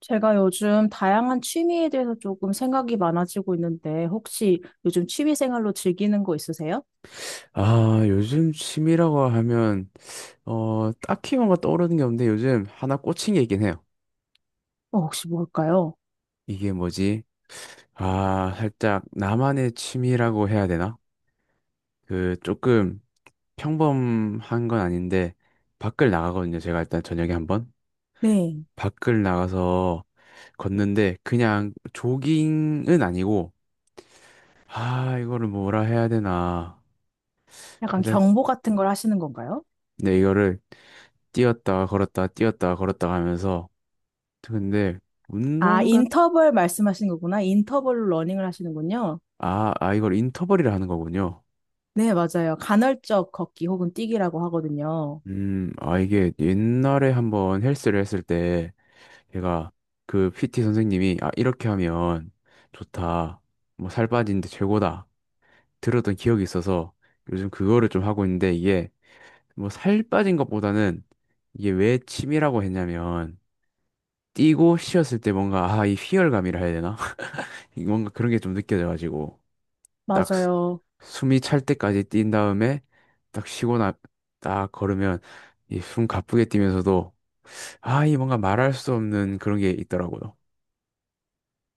제가 요즘 다양한 취미에 대해서 조금 생각이 많아지고 있는데, 혹시 요즘 취미 생활로 즐기는 거 있으세요? 아, 요즘 취미라고 하면, 딱히 뭔가 떠오르는 게 없는데 요즘 하나 꽂힌 게 있긴 해요. 어, 혹시 뭘까요? 이게 뭐지? 아, 살짝 나만의 취미라고 해야 되나? 그, 조금 평범한 건 아닌데, 밖을 나가거든요. 제가 일단 저녁에 한번. 네. 밖을 나가서 걷는데, 그냥 조깅은 아니고, 아, 이거를 뭐라 해야 되나. 약간 살짝, 경보 같은 걸 하시는 건가요? 네, 이거를 뛰었다, 걸었다, 뛰었다, 걸었다 하면서, 근데, 아, 운동. 인터벌 말씀하시는 거구나. 인터벌로 러닝을 하시는군요. 아, 이걸 인터벌이라 하는 거군요. 네, 맞아요. 간헐적 걷기 혹은 뛰기라고 하거든요. 아, 이게 옛날에 한번 헬스를 했을 때 제가 그 PT 선생님이, 아, 이렇게 하면 좋다. 뭐 살 빠지는데 최고다. 들었던 기억이 있어서 요즘 그거를 좀 하고 있는데, 이게 뭐 살 빠진 것보다는, 이게 왜 취미라고 했냐면 뛰고 쉬었을 때 뭔가, 아, 이 희열감이라 해야 되나? 이 뭔가 그런 게 좀 느껴져가지고 딱 맞아요. 숨이 찰 때까지 뛴 다음에 딱 쉬고 나, 딱 걸으면 이 숨 가쁘게 뛰면서도 아, 이 뭔가 말할 수 없는 그런 게 있더라고요.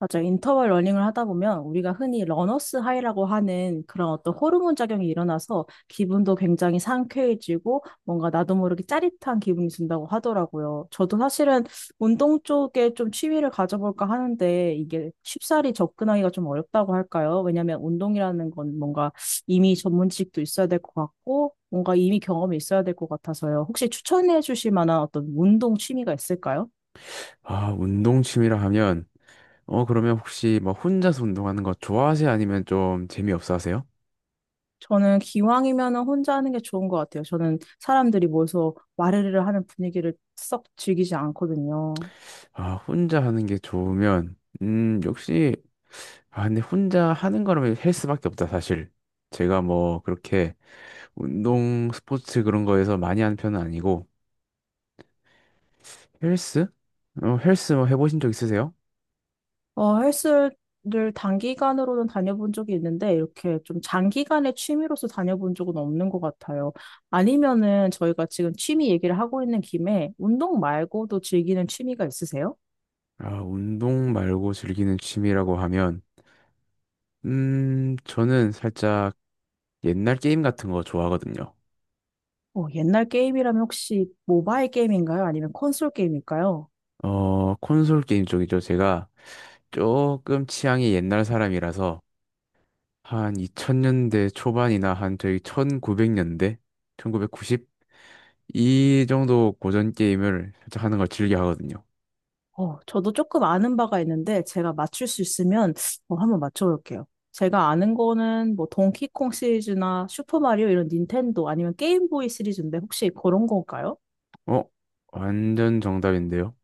맞아요. 인터벌 러닝을 하다 보면 우리가 흔히 러너스 하이라고 하는 그런 어떤 호르몬 작용이 일어나서 기분도 굉장히 상쾌해지고 뭔가 나도 모르게 짜릿한 기분이 든다고 하더라고요. 저도 사실은 운동 쪽에 좀 취미를 가져볼까 하는데 이게 쉽사리 접근하기가 좀 어렵다고 할까요? 왜냐하면 운동이라는 건 뭔가 이미 전문 지식도 있어야 될 것 같고 뭔가 이미 경험이 있어야 될 것 같아서요. 혹시 추천해 주실 만한 어떤 운동 취미가 있을까요? 아, 운동 취미라 하면 어, 그러면 혹시 뭐 혼자서 운동하는 거 좋아하세요? 아니면 좀 재미없어 하세요? 저는 기왕이면은 혼자 하는 게 좋은 것 같아요. 저는 사람들이 모여서 와르르 하는 분위기를 썩 즐기지 않거든요. 아, 혼자 하는 게 좋으면 역시, 아, 근데 혼자 하는 거라면 헬스밖에 없다, 사실. 제가 뭐 그렇게 운동 스포츠 그런 거에서 많이 하는 편은 아니고. 헬스? 어, 헬스 뭐 해보신 적 있으세요? 어, 헬스를 단기간으로는 다녀본 적이 있는데 이렇게 좀 장기간의 취미로서 다녀본 적은 없는 것 같아요. 아니면은 저희가 지금 취미 얘기를 하고 있는 김에 운동 말고도 즐기는 취미가 있으세요? 아, 운동 말고 즐기는 취미라고 하면, 저는 살짝 옛날 게임 같은 거 좋아하거든요. 어, 옛날 게임이라면 혹시 모바일 게임인가요? 아니면 콘솔 게임일까요? 어, 콘솔 게임 쪽이죠. 제가 조금 취향이 옛날 사람이라서, 한 2000년대 초반이나 한 저희 1900년대, 1990? 이 정도 고전 게임을 살짝 하는 걸 즐겨 하거든요. 어, 저도 조금 아는 바가 있는데 제가 맞출 수 있으면 어, 한번 맞춰볼게요. 제가 아는 거는 뭐 동키콩 시리즈나 슈퍼마리오 이런 닌텐도 아니면 게임보이 시리즈인데 혹시 그런 건가요? 어? 완전 정답인데요?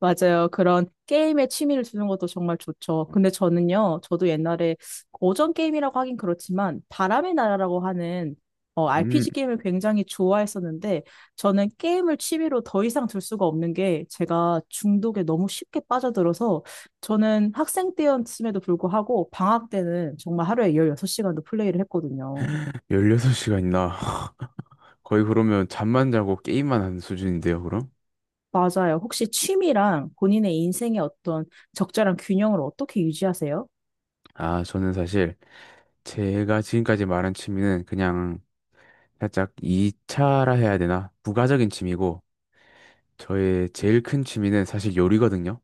맞아요. 그런 게임에 취미를 두는 것도 정말 좋죠. 근데 저는요, 저도 옛날에 고전 게임이라고 하긴 그렇지만, 바람의 나라라고 하는 어, 음... RPG 게임을 굉장히 좋아했었는데, 저는 게임을 취미로 더 이상 둘 수가 없는 게, 제가 중독에 너무 쉽게 빠져들어서, 저는 학생 때였음에도 불구하고, 방학 때는 정말 하루에 16시간도 플레이를 했거든요. 16시간이나 거의 그러면 잠만 자고 게임만 하는 수준인데요, 그럼? 맞아요. 혹시 취미랑 본인의 인생의 어떤 적절한 균형을 어떻게 유지하세요? 아, 저는 사실 제가 지금까지 말한 취미는 그냥 살짝 2차라 해야 되나? 부가적인 취미고 저의 제일 큰 취미는 사실 요리거든요.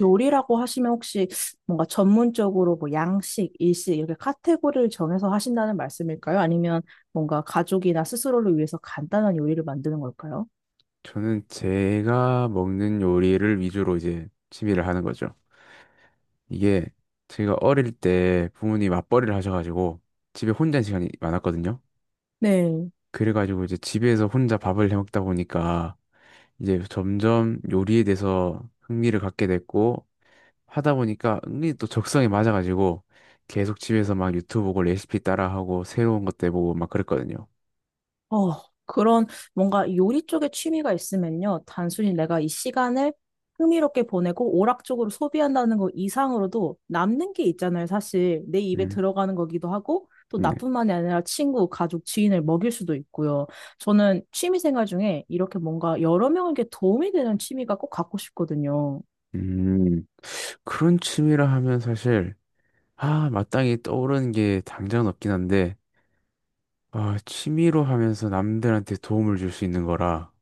요리라고 하시면 혹시 뭔가 전문적으로 뭐 양식, 일식 이렇게 카테고리를 정해서 하신다는 말씀일까요? 아니면 뭔가 가족이나 스스로를 위해서 간단한 요리를 만드는 걸까요? 저는 제가 먹는 요리를 위주로 이제 취미를 하는 거죠. 이게 제가 어릴 때 부모님이 맞벌이를 하셔가지고 집에 혼자 있는 시간이 많았거든요. 네. 그래가지고 이제 집에서 혼자 밥을 해 먹다 보니까 이제 점점 요리에 대해서 흥미를 갖게 됐고 하다 보니까 은근히 또 적성에 맞아가지고 계속 집에서 막 유튜브 보고 레시피 따라하고 새로운 것도 해보고 막 그랬거든요. 어, 그런 뭔가 요리 쪽에 취미가 있으면요. 단순히 내가 이 시간을 흥미롭게 보내고 오락적으로 소비한다는 것 이상으로도 남는 게 있잖아요. 사실 내 입에 음, 들어가는 거기도 하고 또 네. 나뿐만이 아니라 친구, 가족, 지인을 먹일 수도 있고요. 저는 취미 생활 중에 이렇게 뭔가 여러 명에게 도움이 되는 취미가 꼭 갖고 싶거든요. 음, 그런 취미라 하면 사실, 아, 마땅히 떠오르는 게 당장은 없긴 한데, 아, 취미로 하면서 남들한테 도움을 줄 수 있는 거라.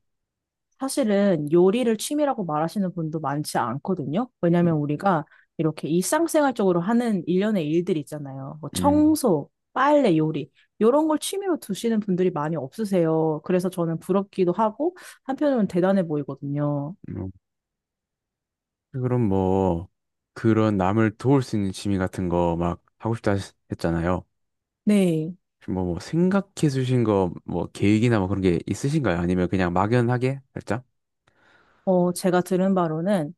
사실은 요리를 취미라고 말하시는 분도 많지 않거든요. 음, 왜냐면 우리가 이렇게 일상생활적으로 하는 일련의 일들 있잖아요. 뭐 음, 청소, 빨래, 요리. 이런 걸 취미로 두시는 분들이 많이 없으세요. 그래서 저는 부럽기도 하고 한편으로는 대단해 보이거든요. 음. 그럼 뭐 그런 남을 도울 수 있는 취미 같은 거 막 하고 싶다 했잖아요. 네. 뭐, 생각해 주신 거 뭐 계획이나 뭐 그런 게 있으신가요? 아니면 그냥 막연하게 살짝? 어, 제가 들은 바로는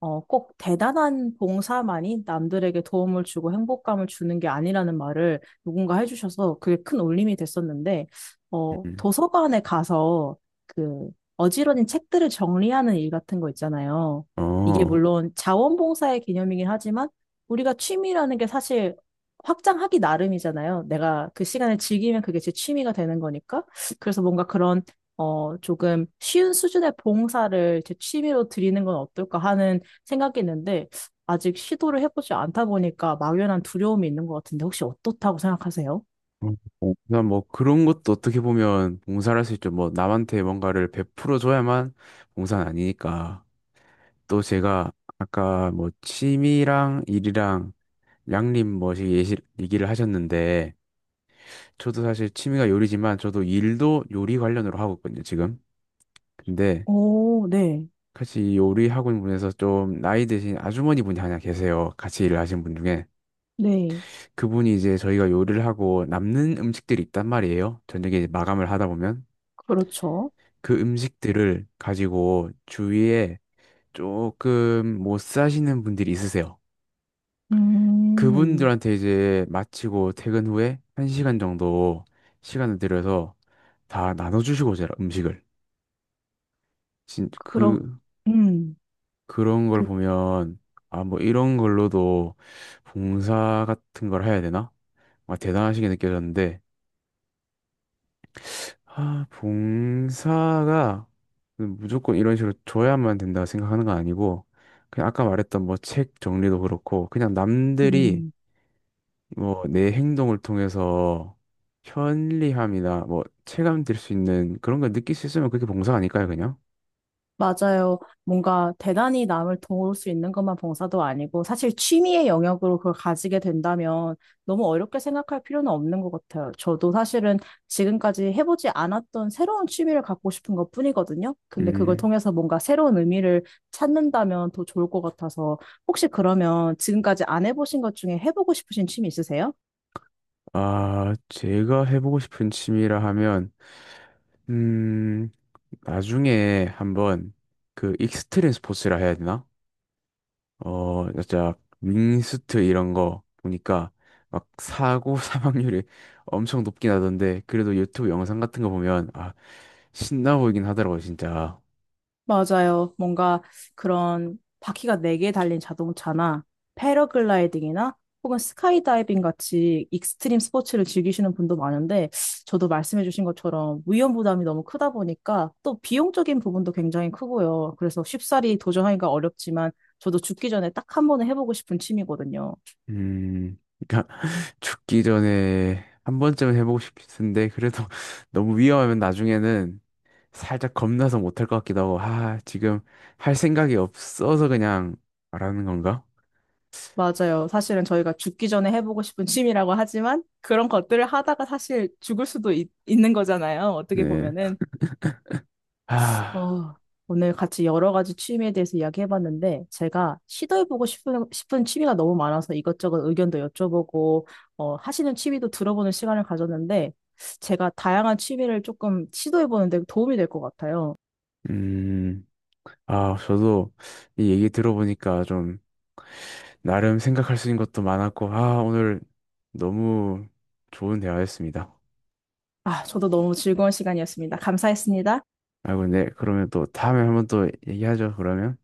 어, 꼭 대단한 봉사만이 남들에게 도움을 주고 행복감을 주는 게 아니라는 말을 누군가 해주셔서 그게 큰 울림이 됐었는데, 어, 음. 도서관에 가서 그 어지러진 책들을 정리하는 일 같은 거 있잖아요. 이게 어. 물론 자원봉사의 개념이긴 하지만 우리가 취미라는 게 사실 확장하기 나름이잖아요. 내가 그 시간을 즐기면 그게 제 취미가 되는 거니까. 그래서 뭔가 그런 어, 조금 쉬운 수준의 봉사를 제 취미로 드리는 건 어떨까 하는 생각했는데 아직 시도를 해보지 않다 보니까 막연한 두려움이 있는 것 같은데 혹시 어떻다고 생각하세요? 그냥 뭐 그런 것도 어떻게 보면 봉사할 수 있죠. 뭐 남한테 뭔가를 베풀어 줘야만 봉사는 아니니까. 또 제가 아까 뭐 취미랑 일이랑 양립 뭐이 얘기를 하셨는데, 저도 사실 취미가 요리지만 저도 일도 요리 관련으로 하고 있거든요, 지금. 근데 오, 네, 같이 이 요리 학원 분에서 좀 나이 드신 아주머니 분이 하나 계세요. 같이 일을 하시는 분 중에. 네, 그분이 이제 저희가 요리를 하고 남는 음식들이 있단 말이에요. 저녁에 이제 마감을 하다 보면 그렇죠. 그 음식들을 가지고 주위에 조금 못 사시는 분들이 있으세요. 음. 그분들한테 이제 마치고 퇴근 후에 한시간 정도 시간을 들여서 다 나눠주시고 제가 음식을 진, 그러, 그 음. 그런 걸 그, 보면 아 뭐 이런 걸로도 봉사 같은 걸 해야 되나? 아, 대단하시게 느껴졌는데 아, 봉사가 무조건 이런 식으로 줘야만 된다 생각하는 건 아니고 그냥 아까 말했던 뭐 책 정리도 그렇고 그냥 남들이 음. 뭐 내 행동을 통해서 편리함이나 뭐 체감 될수 있는 그런 걸 느낄 수 있으면 그게 봉사 아닐까요 그냥? 맞아요. 뭔가 대단히 남을 도울 수 있는 것만 봉사도 아니고 사실 취미의 영역으로 그걸 가지게 된다면 너무 어렵게 생각할 필요는 없는 것 같아요. 저도 사실은 지금까지 해보지 않았던 새로운 취미를 갖고 싶은 것뿐이거든요. 근데 그걸 음. 통해서 뭔가 새로운 의미를 찾는다면 더 좋을 것 같아서 혹시 그러면 지금까지 안 해보신 것 중에 해보고 싶으신 취미 있으세요? 아, 제가 해보고 싶은 취미라 하면 음, 나중에 한번 그 익스트림 스포츠라 해야 되나? 어, 진짜 윙스트 이런 거 보니까 막 사고 사망률이 엄청 높긴 하던데 그래도 유튜브 영상 같은 거 보면 아, 신나 보이긴 하더라고 진짜. 맞아요. 뭔가 그런 바퀴가 네 개 달린 자동차나 패러글라이딩이나 혹은 스카이다이빙 같이 익스트림 스포츠를 즐기시는 분도 많은데 저도 말씀해주신 것처럼 위험 부담이 너무 크다 보니까 또 비용적인 부분도 굉장히 크고요. 그래서 쉽사리 도전하기가 어렵지만 저도 죽기 전에 딱 한 번은 해보고 싶은 취미거든요. 음, 그러니까 죽기 전에 한 번쯤은 해보고 싶은데 그래도 너무 위험하면 나중에는 살짝 겁나서 못 할 것 같기도 하고 아, 지금 할 생각이 없어서 그냥 말하는 건가? 맞아요. 사실은 저희가 죽기 전에 해보고 싶은 취미라고 하지만 그런 것들을 하다가 사실 죽을 수도 있는 거잖아요. 어떻게 네. 보면은. 아. 어, 오늘 같이 여러 가지 취미에 대해서 이야기해봤는데, 제가 시도해보고 싶은 취미가 너무 많아서 이것저것 의견도 여쭤보고, 어, 하시는 취미도 들어보는 시간을 가졌는데, 제가 다양한 취미를 조금 시도해보는데 도움이 될 것 같아요. 음, 아, 저도 이 얘기 들어보니까 좀 나름 생각할 수 있는 것도 많았고, 아, 오늘 너무 좋은 대화였습니다. 아, 저도 너무 즐거운 시간이었습니다. 감사했습니다. 아, 근데 그러면 또 다음에 한번 또 얘기하죠, 그러면.